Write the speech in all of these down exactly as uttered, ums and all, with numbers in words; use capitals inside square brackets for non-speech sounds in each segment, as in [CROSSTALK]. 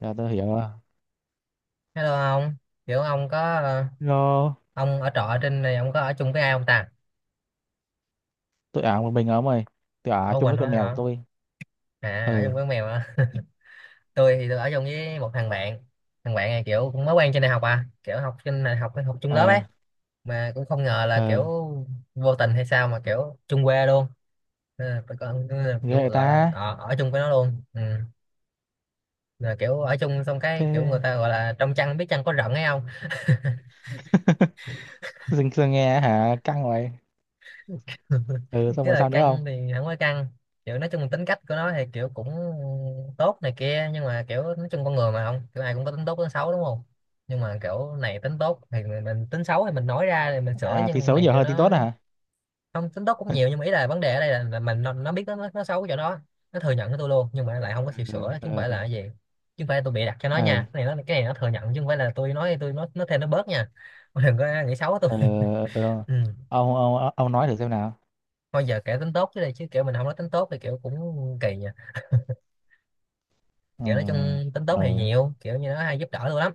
Dạ tôi hiểu rồi. Hello ông, kiểu ông có ờ, Lo ông ở trọ ở trên này ông có ở chung với ai không ta? tôi ở một mình ở mày. Tôi ở Ở chung Quỳnh với thôi con mèo của hả? tôi. À ở Ừ, chung với con mèo hả? [LAUGHS] Tôi thì tôi ở chung với một thằng bạn. Thằng bạn này kiểu cũng mới quen trên đại học à, kiểu học trên đại học học chung lớp ờ, ấy, mà cũng không ngờ là ờ, kiểu vô tình hay sao mà kiểu chung quê luôn. Nên là còn ghê kiểu vậy gọi là ta. ờ, ở chung với nó luôn. Ừ. Là kiểu ở chung xong cái kiểu Thế người ta gọi là trong chăn biết chăn có rận ấy không. [LAUGHS] dừng dừng nghe hả? Căng vậy. [LAUGHS] Ừ, xong Thế rồi là sao nữa không? căng thì không có căng, kiểu nói chung tính cách của nó thì kiểu cũng tốt này kia, nhưng mà kiểu nói chung con người mà, không kiểu ai cũng có tính tốt tính xấu đúng không. Nhưng mà kiểu này tính tốt thì mình, mình tính xấu thì mình nói ra thì mình sửa, À, nhưng thì con xấu này nhiều kiểu hơn tin nó tốt hả? không, tính tốt cũng nhiều, nhưng mà ý là vấn đề ở đây là, là mình nó, nó biết nó, nó nó xấu cái chỗ đó, nó thừa nhận với tôi luôn nhưng mà lại không có chịu Ừ, sửa, chứ không ừ, phải là cái gì, chứ không phải là tôi bịa đặt cho nó ừ, nha, cái này nó, cái này nó thừa nhận chứ không phải là tôi nói tôi nói nó thêm nó bớt nha. [LAUGHS] Đừng có nghĩ xấu tôi. ừ, [LAUGHS] ừ. Ừ. Ông, ông, ông nói thử xem nào. Thôi giờ kể tính tốt chứ đây, chứ kiểu mình không nói tính tốt thì kiểu cũng kỳ nhỉ. Ừ, Kiểu nói chung tính tốt thì ừ, nhiều, kiểu như nó hay giúp đỡ tôi lắm.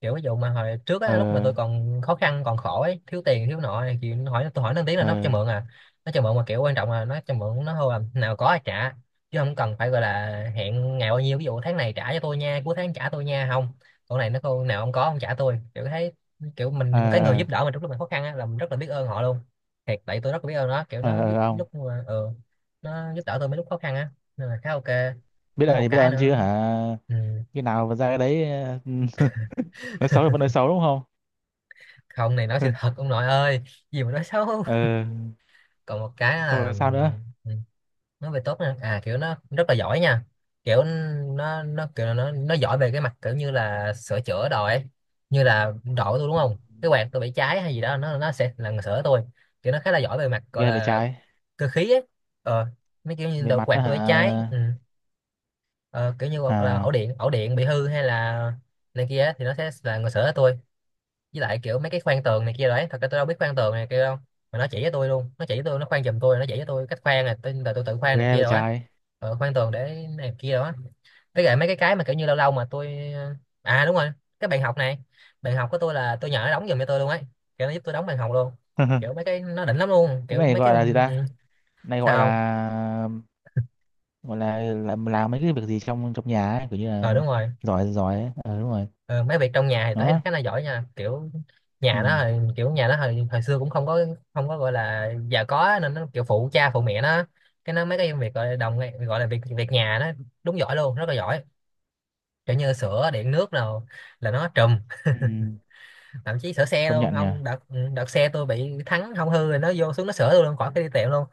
Kiểu ví dụ mà hồi trước ừ, á, lúc mà tôi còn khó khăn còn khổ ấy, thiếu tiền thiếu nọ này, thì nó hỏi tôi, hỏi nó tiếng là nó cho ừ, mượn à. Nó cho mượn mà kiểu quan trọng là nó cho mượn, nó hô là nào có ai trả, chứ không cần phải gọi là hẹn ngày bao nhiêu, ví dụ tháng này trả cho tôi nha, cuối tháng trả tôi nha, không. Còn này nó, cô nào không có, không trả tôi, kiểu thấy kiểu mình, ừ, cái người giúp đỡ mình trong lúc mình khó khăn á, là mình rất là biết ơn họ luôn. Thiệt tại tôi rất là biết ơn nó, kiểu ừ, ừ, nó ừ, giúp ông. lúc mà ừ, nó giúp đỡ tôi mấy lúc khó khăn á, nên là khá ok. Biết Với ơn một thì biết cái ơn nữa. chứ hả? Ừ. Khi nào mà ra cái đấy [LAUGHS] nói xấu là vẫn nói xấu đúng không? Không này nói sự [LAUGHS] thật ông nội ơi, gì mà nói xấu. Ừ, Còn một cái xong là, rồi sao nữa? ừ, nói về tốt nè, à kiểu nó rất là giỏi nha, kiểu nó nó kiểu là nó nó giỏi về cái mặt kiểu như là sửa chữa đồ ấy, như là độ tôi đúng không, cái quạt tôi bị cháy hay gì đó nó nó sẽ là người sửa tôi. Kiểu nó khá là giỏi về mặt gọi Ghê vậy là trái. cơ khí ấy. ờ Mấy kiểu như Về đồ mặt quạt đó tôi bị cháy. hả? Ừ. Ờ, kiểu như hoặc là ổ À, điện ổ điện bị hư hay là này kia ấy, thì nó sẽ là người sửa tôi. Với lại kiểu mấy cái khoan tường này kia đấy, thật ra tôi đâu biết khoan tường này kia đâu, mà nó chỉ với tôi luôn, nó chỉ với tôi, nó khoan giùm tôi, nó chỉ với tôi cách khoan này, tôi là tôi tự khoan này ghê kia vậy đó á. trái. Ờ, khoan tường để này kia đó. Với lại mấy cái cái mà kiểu như lâu lâu mà tôi ờ, à đúng rồi, cái bàn học này, bàn học của tôi là tôi nhờ nó đóng giùm cho tôi luôn ấy, kiểu nó giúp tôi đóng bàn học luôn. [LAUGHS] Kiểu mấy cái nó đỉnh lắm luôn, Cái kiểu này mấy cái. gọi ừ, là gì ta? ừ, Này gọi Sao không? là gọi là làm, làm mấy cái việc gì trong trong nhà ấy, kiểu như Ờ là đúng rồi. giỏi giỏi ấy. Ờ đúng rồi. Ờ, mấy việc trong nhà thì tôi Nó thấy đó. khá là giỏi nha. Kiểu Ừ. nhà nó hồi- kiểu nhà nó hồi, hồi xưa cũng không có, không có gọi là già có á, nên nó kiểu phụ cha phụ mẹ nó. Cái nó mấy cái việc gọi là đồng, gọi là việc việc nhà nó đúng giỏi luôn, rất là giỏi, kiểu như sửa điện nước nào, là nó trùm. Ừ. Thậm chí sửa xe Công luôn nhận nhỉ. ông, đợt, đợt xe tôi bị thắng hỏng hư rồi, nó vô xuống nó sửa tôi luôn, khỏi cái đi tiệm luôn.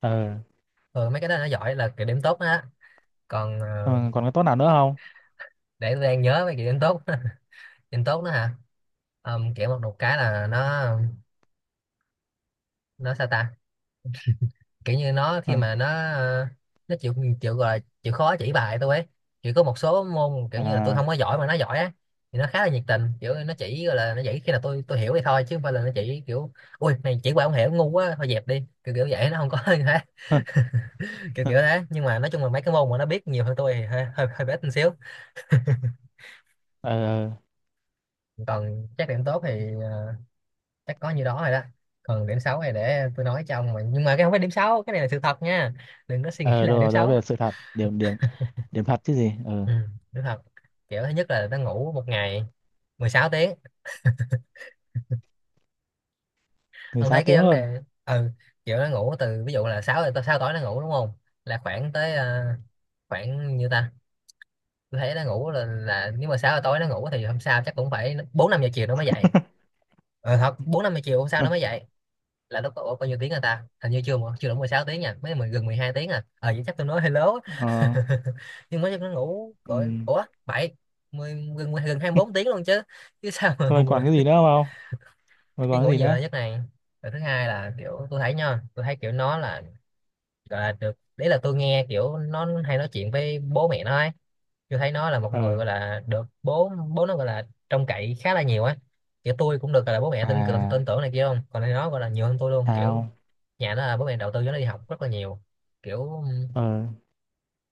Ờ. Ừ, mấy cái đó nó giỏi là kiểu điểm tốt đó á. Còn ờ, Còn còn cái tốt nào nữa không? để tôi đang nhớ mấy kiểu điểm tốt. [LAUGHS] Điểm tốt đó hả. Ờ, kiểu một, một cái là nó nó sao ta, kiểu như nó khi Ừ. mà nó ờ, nó chịu, chịu gọi là chịu khó chỉ bài tôi ấy. Chỉ có một số môn kiểu như là tôi À. không có giỏi mà nó giỏi á, thì nó khá là nhiệt tình, kiểu nó chỉ gọi là nó chỉ khi nào tôi tôi hiểu thì thôi, chứ không phải là nó chỉ kiểu ui này chỉ qua không hiểu ngu quá thôi dẹp đi, kiểu kiểu vậy, nó không có [LAUGHS] như thế, kiểu [LAUGHS] Ờ, kiểu thế. Nhưng mà nói chung là mấy cái môn mà nó biết nhiều hơn tôi thì hơi hơi, hơi bé tí xíu. ờ, Còn chắc điểm tốt thì ờ, chắc có như đó rồi đó. Còn điểm xấu này để tôi nói cho ông, mà nhưng mà cái không phải điểm xấu, cái này là sự thật nha, đừng có suy nghĩ ờ, đúng là điểm rồi, nói xấu. về sự thật. Điểm điểm Điểm thật chứ gì. Ờ, ừ, Đúng thật. Kiểu thứ nhất là nó ngủ một ngày mười sáu tiếng. người Ông sáu thấy cái tiếng vấn luôn. đề. Ừ. Kiểu nó ngủ từ ví dụ là sáu tới sáu tối nó ngủ đúng không, là khoảng tới ờ, khoảng như ta. Tôi thấy nó ngủ là, là nếu mà sáu giờ tối nó ngủ thì hôm sau chắc cũng phải bốn năm giờ chiều nó mới dậy. [LAUGHS] Ờ thật, bốn năm giờ chiều hôm sau nó mới dậy. Là lúc đó ủa, bao nhiêu tiếng rồi ta, hình như chưa mà- chưa đủ mười sáu tiếng nha, mấy mười- gần mười hai tiếng à, ờ vậy chắc tôi nói hello. Ờ, [LAUGHS] Nhưng mới chắc nó ngủ ừ. gọi ủa bảy mười gần gần hai mươi bốn tiếng luôn chứ, chứ sao mà. Thôi còn cái [LAUGHS] gì nữa không? Rồi Cái còn cái ngủ gì nhiều nữa? là nhất này. Rồi thứ hai là kiểu tôi thấy nha, tôi thấy kiểu nó là gọi là được đấy, là tôi nghe kiểu nó hay nói chuyện với bố mẹ nó ấy. Tôi thấy nó là một Ờ, người gọi là được bố bố nó gọi là trông cậy khá là nhiều ấy. Kiểu tôi cũng được gọi là bố mẹ tin tưởng, tin à, tưởng này kia, không còn nó gọi là nhiều hơn tôi luôn, kiểu sao? nhà nó là bố mẹ đầu tư cho nó đi học rất là nhiều. Kiểu Ờ, ờ,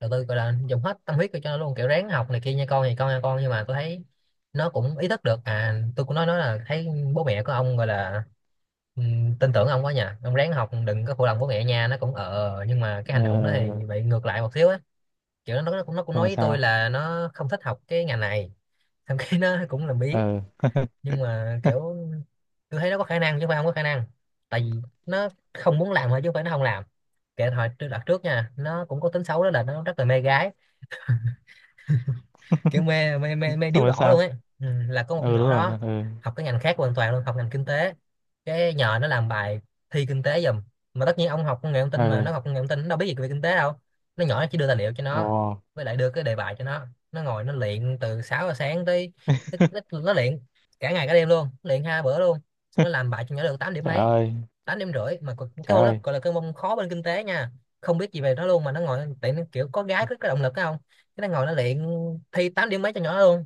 đầu tư gọi là dùng hết tâm huyết cho nó luôn, kiểu ráng học này kia nha con, thì con nha con, nhưng mà tôi thấy nó cũng ý thức được, à tôi cũng nói nó là thấy bố mẹ của ông gọi là ừm, tin tưởng ông quá nhỉ, ông ráng học đừng có phụ lòng bố mẹ nha, nó cũng ờ. Nhưng mà cái ờ, hành động đó thì ờ. bị ngược lại một xíu á. Kiểu nó nó cũng nó cũng Xong nói rồi với tôi sao? là nó không thích học cái ngành này. [LAUGHS] Thậm chí nó cũng làm biếng, Ờ, nhưng mà kiểu tôi thấy nó có khả năng chứ không phải không có khả năng, tại vì nó không muốn làm thôi chứ không phải nó không làm. Kể hồi tôi đặt trước nha, nó cũng có tính xấu đó là nó rất là mê gái, kiểu mê mê mê mê xong điếu rồi đổ luôn sao? ấy. Ừ, là có một Ừ, con đúng nhỏ rồi đó đó. Ờ, học cái ngành khác hoàn toàn luôn, học ngành kinh tế, cái nhờ nó làm bài thi kinh tế giùm. Mà tất nhiên ông học công nghệ thông tin, mà ờ. nó học công nghệ thông tin nó đâu biết gì về kinh tế đâu. Nó nhỏ, nó chỉ đưa tài liệu cho Ồ. nó, với lại đưa cái đề bài cho nó nó ngồi nó luyện từ sáu giờ sáng tới, tới, tới [LAUGHS] nó luyện cả ngày cả đêm luôn, luyện hai bữa luôn. Xong nó làm bài cho nhỏ được tám điểm Trời mấy, ơi, tám điểm rưỡi, mà còn- cái trời môn đó ơi. gọi là cái môn khó bên kinh tế nha, không biết gì về nó luôn, mà nó ngồi tại nó kiểu có gái có, có động lực phải không, cái nó ngồi nó luyện thi tám điểm mấy cho nhỏ luôn.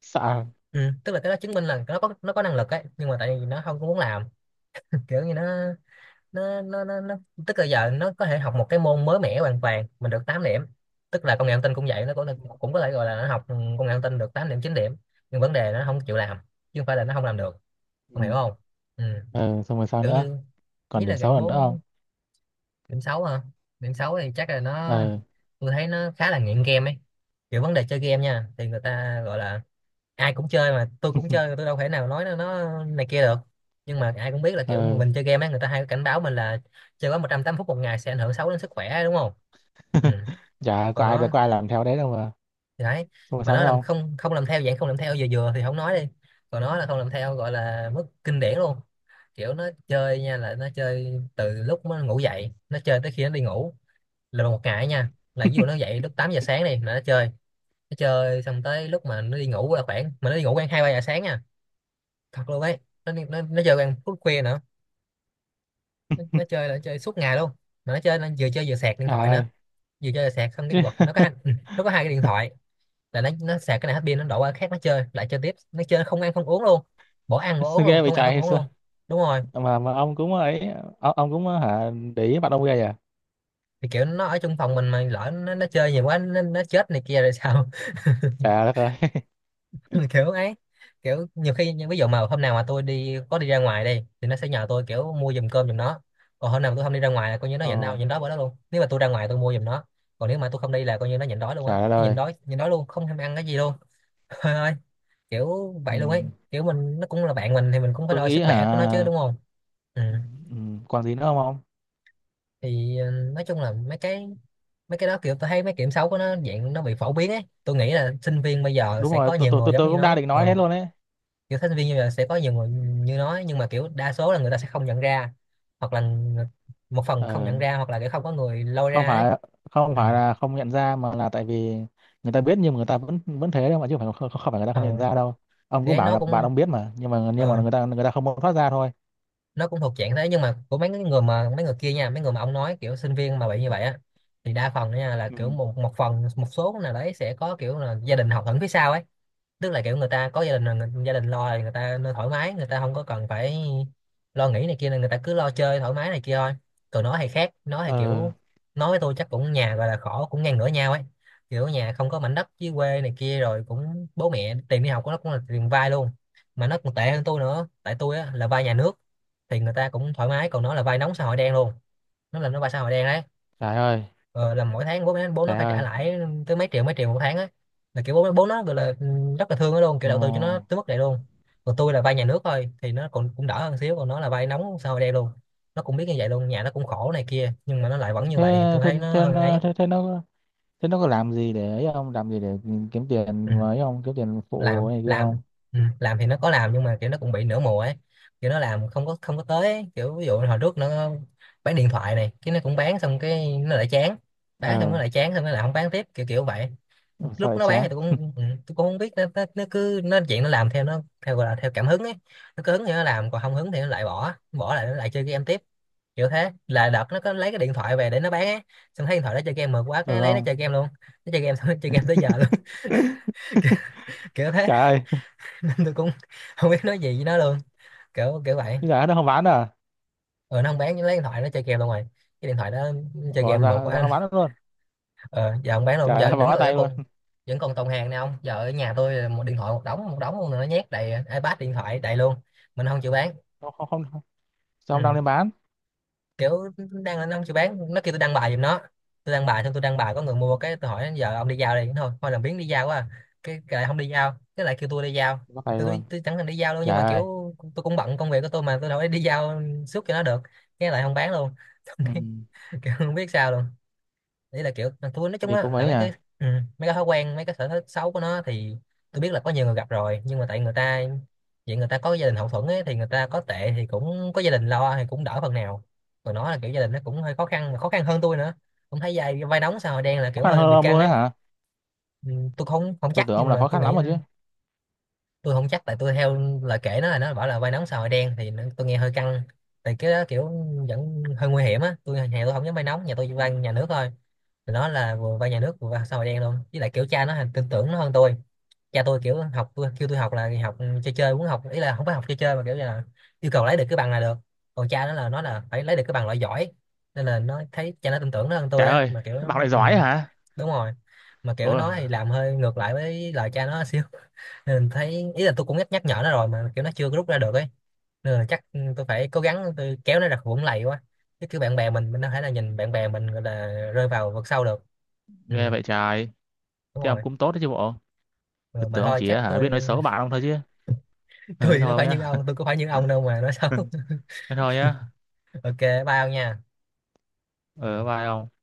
Sao? Ừ. Tức là cái đó chứng minh là nó có nó có năng lực ấy, nhưng mà tại vì nó không có muốn làm. [LAUGHS] Kiểu như nó nó nó nó, nó tức là giờ nó có thể học một cái môn mới mẻ hoàn toàn mình được tám điểm. Tức là công nghệ thông tin cũng vậy, nó cũng cũng có thể gọi là nó học ừ, công nghệ thông tin được tám điểm chín điểm. Nhưng vấn đề nó không chịu làm chứ không phải là nó không làm được. Ông hiểu Ừ. không? Ừ. Ờ, xong rồi sao Kiểu nữa? như ý Còn là điểm xấu gạn là nữa không? bốn. Điểm xấu hả? Điểm xấu thì chắc là nó... Ờ, tôi thấy nó khá là nghiện game ấy. Kiểu vấn đề chơi game nha thì người ta gọi là ai cũng chơi, mà tôi cũng chơi, tôi đâu thể nào nói nó, nó này kia được. Nhưng mà ai cũng biết là kiểu ờ. mình chơi game ấy, người ta hay cảnh báo mình là chơi quá một trăm tám mươi phút một ngày sẽ ảnh hưởng xấu đến sức khỏe, đúng không? Ừ. [LAUGHS] Chả có Còn ai, nó có ai làm theo đấy đâu mà. thì đấy, Xong rồi mà sao nó nữa làm không? không không làm theo dạng không làm theo vừa vừa thì không nói đi, còn nó là không làm theo gọi là mức kinh điển luôn. Kiểu nó chơi nha là nó chơi từ lúc nó ngủ dậy nó chơi tới khi nó đi ngủ, là một ngày ấy nha. Là ví dụ nó dậy lúc tám giờ sáng đi là nó chơi, nó chơi xong tới lúc mà nó đi ngủ là khoảng mà nó đi ngủ khoảng hai ba giờ sáng nha, thật luôn ấy. Nó nó, nó chơi khoảng phút khuya nữa. Nó, nó chơi là nó chơi suốt ngày luôn, mà nó chơi nó vừa chơi vừa sạc điện Trời thoại nữa, ơi. vừa chơi vừa sạc xong cái Chứ. quật nó có hai, ừ, nó có hai cái điện thoại. Là nó nó sạc cái này hết pin nó đổ qua cái khác nó chơi lại chơi tiếp, nó chơi không ăn không uống luôn, bỏ ăn bỏ uống [LAUGHS] luôn, Ghê vậy không ăn trời, không hay uống sao? luôn. Đúng rồi. Mà mà ông cũng ấy. Ông, ông cũng hả? Để ý mặt ông ghê à. Thì kiểu nó ở trong phòng mình mà lỡ nó, nó chơi nhiều quá nó, nó chết này kia rồi sao? Trời đất ơi. [LAUGHS] [LAUGHS] Kiểu ấy. Kiểu nhiều khi ví dụ mà hôm nào mà tôi đi có đi ra ngoài đi thì nó sẽ nhờ tôi kiểu mua giùm cơm giùm nó, còn hôm nào mà tôi không đi ra ngoài là coi như nó Ồ, nhịn đau nhịn đói bữa đó luôn. Nếu mà tôi ra ngoài tôi mua giùm nó, còn nếu mà tôi không đi là coi như nó nhịn đói luôn á, trời đất nó nhịn ơi. đói nhịn đói luôn không thèm ăn cái gì luôn. [LAUGHS] Trời ơi, kiểu Ừ. vậy luôn ấy. Kiểu mình nó cũng là bạn mình thì mình cũng phải Tôi lo nghĩ sức khỏe của nó chứ, hả, đúng không? Ừ. ừ, ừ, còn gì nữa không ông? Thì ừ, nói chung là mấy cái mấy cái đó kiểu tôi thấy mấy kiểm xấu của nó dạng nó bị phổ biến ấy, tôi nghĩ là sinh viên bây giờ Đúng sẽ rồi, có tôi nhiều tôi người tôi giống tôi như cũng đang nó. định Ừ. nói thế luôn đấy. Kiểu thích viên như là sẽ có nhiều người như nói, nhưng mà kiểu đa số là người ta sẽ không nhận ra, hoặc là người- một phần không Ờ, nhận ra hoặc là kiểu không có người lôi không ra ấy. phải không Ừ. phải là không nhận ra mà là tại vì người ta biết, nhưng mà người ta vẫn vẫn thế đâu mà, chứ không phải không, không phải người ta không nhận Ờ. ra đâu. Ông Thì cũng ấy bảo nó là bạn cũng... ông biết mà, nhưng mà nhưng mà ờ, người ta người ta không muốn thoát ra thôi. nó cũng thuộc dạng thế, nhưng mà của mấy cái người mà mấy người kia nha, mấy người mà ông nói kiểu sinh viên mà bị như vậy á, thì đa phần nha là kiểu Ừ. một một phần một số nào đấy sẽ có kiểu là gia đình hậu thuẫn phía sau ấy. Tức là kiểu người ta có gia đình là người- gia đình lo thì người ta nên thoải mái, người ta không có cần phải lo nghĩ này kia nên người ta cứ lo chơi thoải mái này kia thôi. Còn nó thì khác, nó thì Ờ, kiểu... nói với tôi chắc cũng nhà gọi là khổ cũng ngang ngửa nhau ấy. Kiểu nhà không có mảnh đất dưới quê này kia, rồi cũng bố mẹ tiền đi học của nó cũng là tiền vay luôn, mà nó còn tệ hơn tôi nữa, tại tôi á là vay nhà nước thì người ta cũng thoải mái, còn nó là vay nóng xã hội đen luôn. Nó là nó vay xã hội đen đấy. trời ơi, Ờ, là mỗi tháng bố nó bố nó trời phải trả ơi. lãi tới mấy triệu, mấy triệu một tháng á, là kiểu bố bố nó gọi là ừ, rất là thương nó luôn, kiểu đầu tư cho nó Ồ. tới mức này luôn. Còn tôi là vay nhà nước thôi thì nó còn cũng đỡ hơn xíu, còn nó là vay nóng sao đây luôn. Nó cũng biết như vậy luôn, nhà nó cũng khổ này kia nhưng mà nó lại vẫn như thế vậy thì tôi thế thấy nó thế hơi nó- ấy. thế, thế nó thế nó có làm gì để ấy, không làm gì để kiếm tiền Ừ. với, không kiếm tiền phụ Làm này kia làm. không? Ừ. Làm thì nó có làm nhưng mà kiểu nó cũng bị nửa mùa ấy, kiểu nó làm không có không có tới ấy. Kiểu ví dụ hồi trước nó bán điện thoại này, cái nó cũng bán xong cái nó lại chán, bán xong nó Ờ. lại chán, xong nó lại không bán tiếp, kiểu kiểu vậy. Sao Lúc lại nó bán thì chán? tôi cũng ừ, tôi cũng không biết nó, nó, nó cứ nó chuyện nó làm theo nó theo gọi là theo cảm hứng ấy, nó cứ hứng thì nó làm còn không hứng thì nó lại bỏ bỏ lại nó lại chơi game tiếp. Kiểu thế là đợt nó có lấy cái điện thoại về để nó bán á, xong thấy điện thoại nó chơi game mượt quá, Ừ, cái lấy nó không. chơi game luôn. Nó chơi game xong nó [LAUGHS] chơi game tới giờ luôn. [LAUGHS] [LAUGHS] Kiểu thế. Trời ơi. Nên tôi cũng không biết nói gì với nó luôn, kiểu kiểu vậy. Bây giờ nó không bán à? Ừ, nó không bán nhưng lấy điện thoại nó chơi game luôn rồi, cái điện thoại đó nó chơi Ủa, game ra mượt ra không quá. bán được luôn? Ờ, giờ không bán luôn, Trả giờ ra đứng bỏ còn vẫn tay luôn. còn, vẫn còn tồn hàng nè ông. Giờ ở nhà tôi là một điện thoại một đống, một đống luôn nữa, nhét đầy iPad, điện thoại đầy luôn, mình không chịu bán. Không, không, không. Sao không đăng Ừ. lên bán? Kiểu đang nó không chịu bán, nó kêu tôi đăng bài giùm nó, tôi đăng bài xong, tôi đăng bài có người Ừ, mua cái tôi hỏi giờ ông đi giao đi, thôi thôi làm biếng đi giao quá à. cái, cái lại không đi giao, cái lại kêu tôi đi giao. bỏ tay tôi, tôi, luôn. tôi chẳng thèm đi giao luôn nhưng Trời mà ơi. kiểu tôi cũng bận công việc của tôi mà tôi đâu có đi giao suốt cho nó được, cái lại không bán luôn. [LAUGHS] Ừ. Kiểu không biết sao luôn. Đấy là kiểu mà tôi nói Thế chung thì á cũng là ấy nhỉ. mấy cái ừ, mấy cái thói quen, mấy cái sở thích xấu của nó thì tôi biết là có nhiều người gặp rồi, nhưng mà tại người ta vậy, người ta có gia đình hậu thuẫn ấy thì người ta có tệ thì cũng có gia đình lo thì cũng đỡ phần nào. Còn nó là kiểu gia đình nó cũng hơi khó khăn, mà khó khăn hơn tôi nữa, cũng thấy vai vai nóng sao đen là Khó kiểu khăn hơi hơn bị ông căng luôn đấy ấy. hả? Ừ, tôi không không Tôi chắc tưởng ông nhưng là mà khó tôi khăn nghĩ... lắm rồi chứ. tôi không chắc tại tôi theo lời kể nó là nó bảo là vai nóng sao hội đen thì nó- tôi nghe hơi căng tại cái đó kiểu vẫn hơi nguy hiểm á. Tôi nhà tôi không dám vai nóng, nhà tôi Ừ. vai nhà nước thôi. Nó là vừa vay nhà nước vừa vai xã hội đen luôn, với lại kiểu cha nó hình- tin tưởng nó hơn tôi. Cha tôi kiểu học tôi kêu tôi học là học ừ, chơi chơi muốn học, ý là không phải học chơi chơi mà kiểu như là yêu cầu lấy được cái bằng là được. Còn cha nó là nó là phải lấy được cái bằng loại giỏi, nên là nó thấy cha nó tin tưởng nó hơn Trời tôi á, ơi. mà kiểu... Bạn lại Ừ giỏi hả? đúng rồi. Mà kiểu Ủa, nó thì làm hơi ngược lại với lời cha nó xíu. [LAUGHS] Nên thấy ý là tôi cũng nhắc nhắc nhở nó rồi mà kiểu nó chưa có rút ra được ấy, nên là chắc tôi phải cố gắng tôi kéo nó ra khỏi vũng lầy quá, chứ kiểu bạn bè mình mình đâu thể là nhìn bạn bè mình gọi là rơi vào vực sâu được. Ừ ghê vậy trời. đúng Thế ông rồi. cũng tốt đấy chứ bộ. Tôi Ừ, mà tưởng ông thôi chỉ chắc hả tôi... biết nói xấu bạn ông thôi chứ. [LAUGHS] Ừ, tôi thế nó thôi phải như nhá. ông tôi cũng phải như ông đâu mà nói xấu. [LAUGHS] Thế thôi nhá. [LAUGHS] Ok, bye ông nha. Ừ. Ừ, bye ông.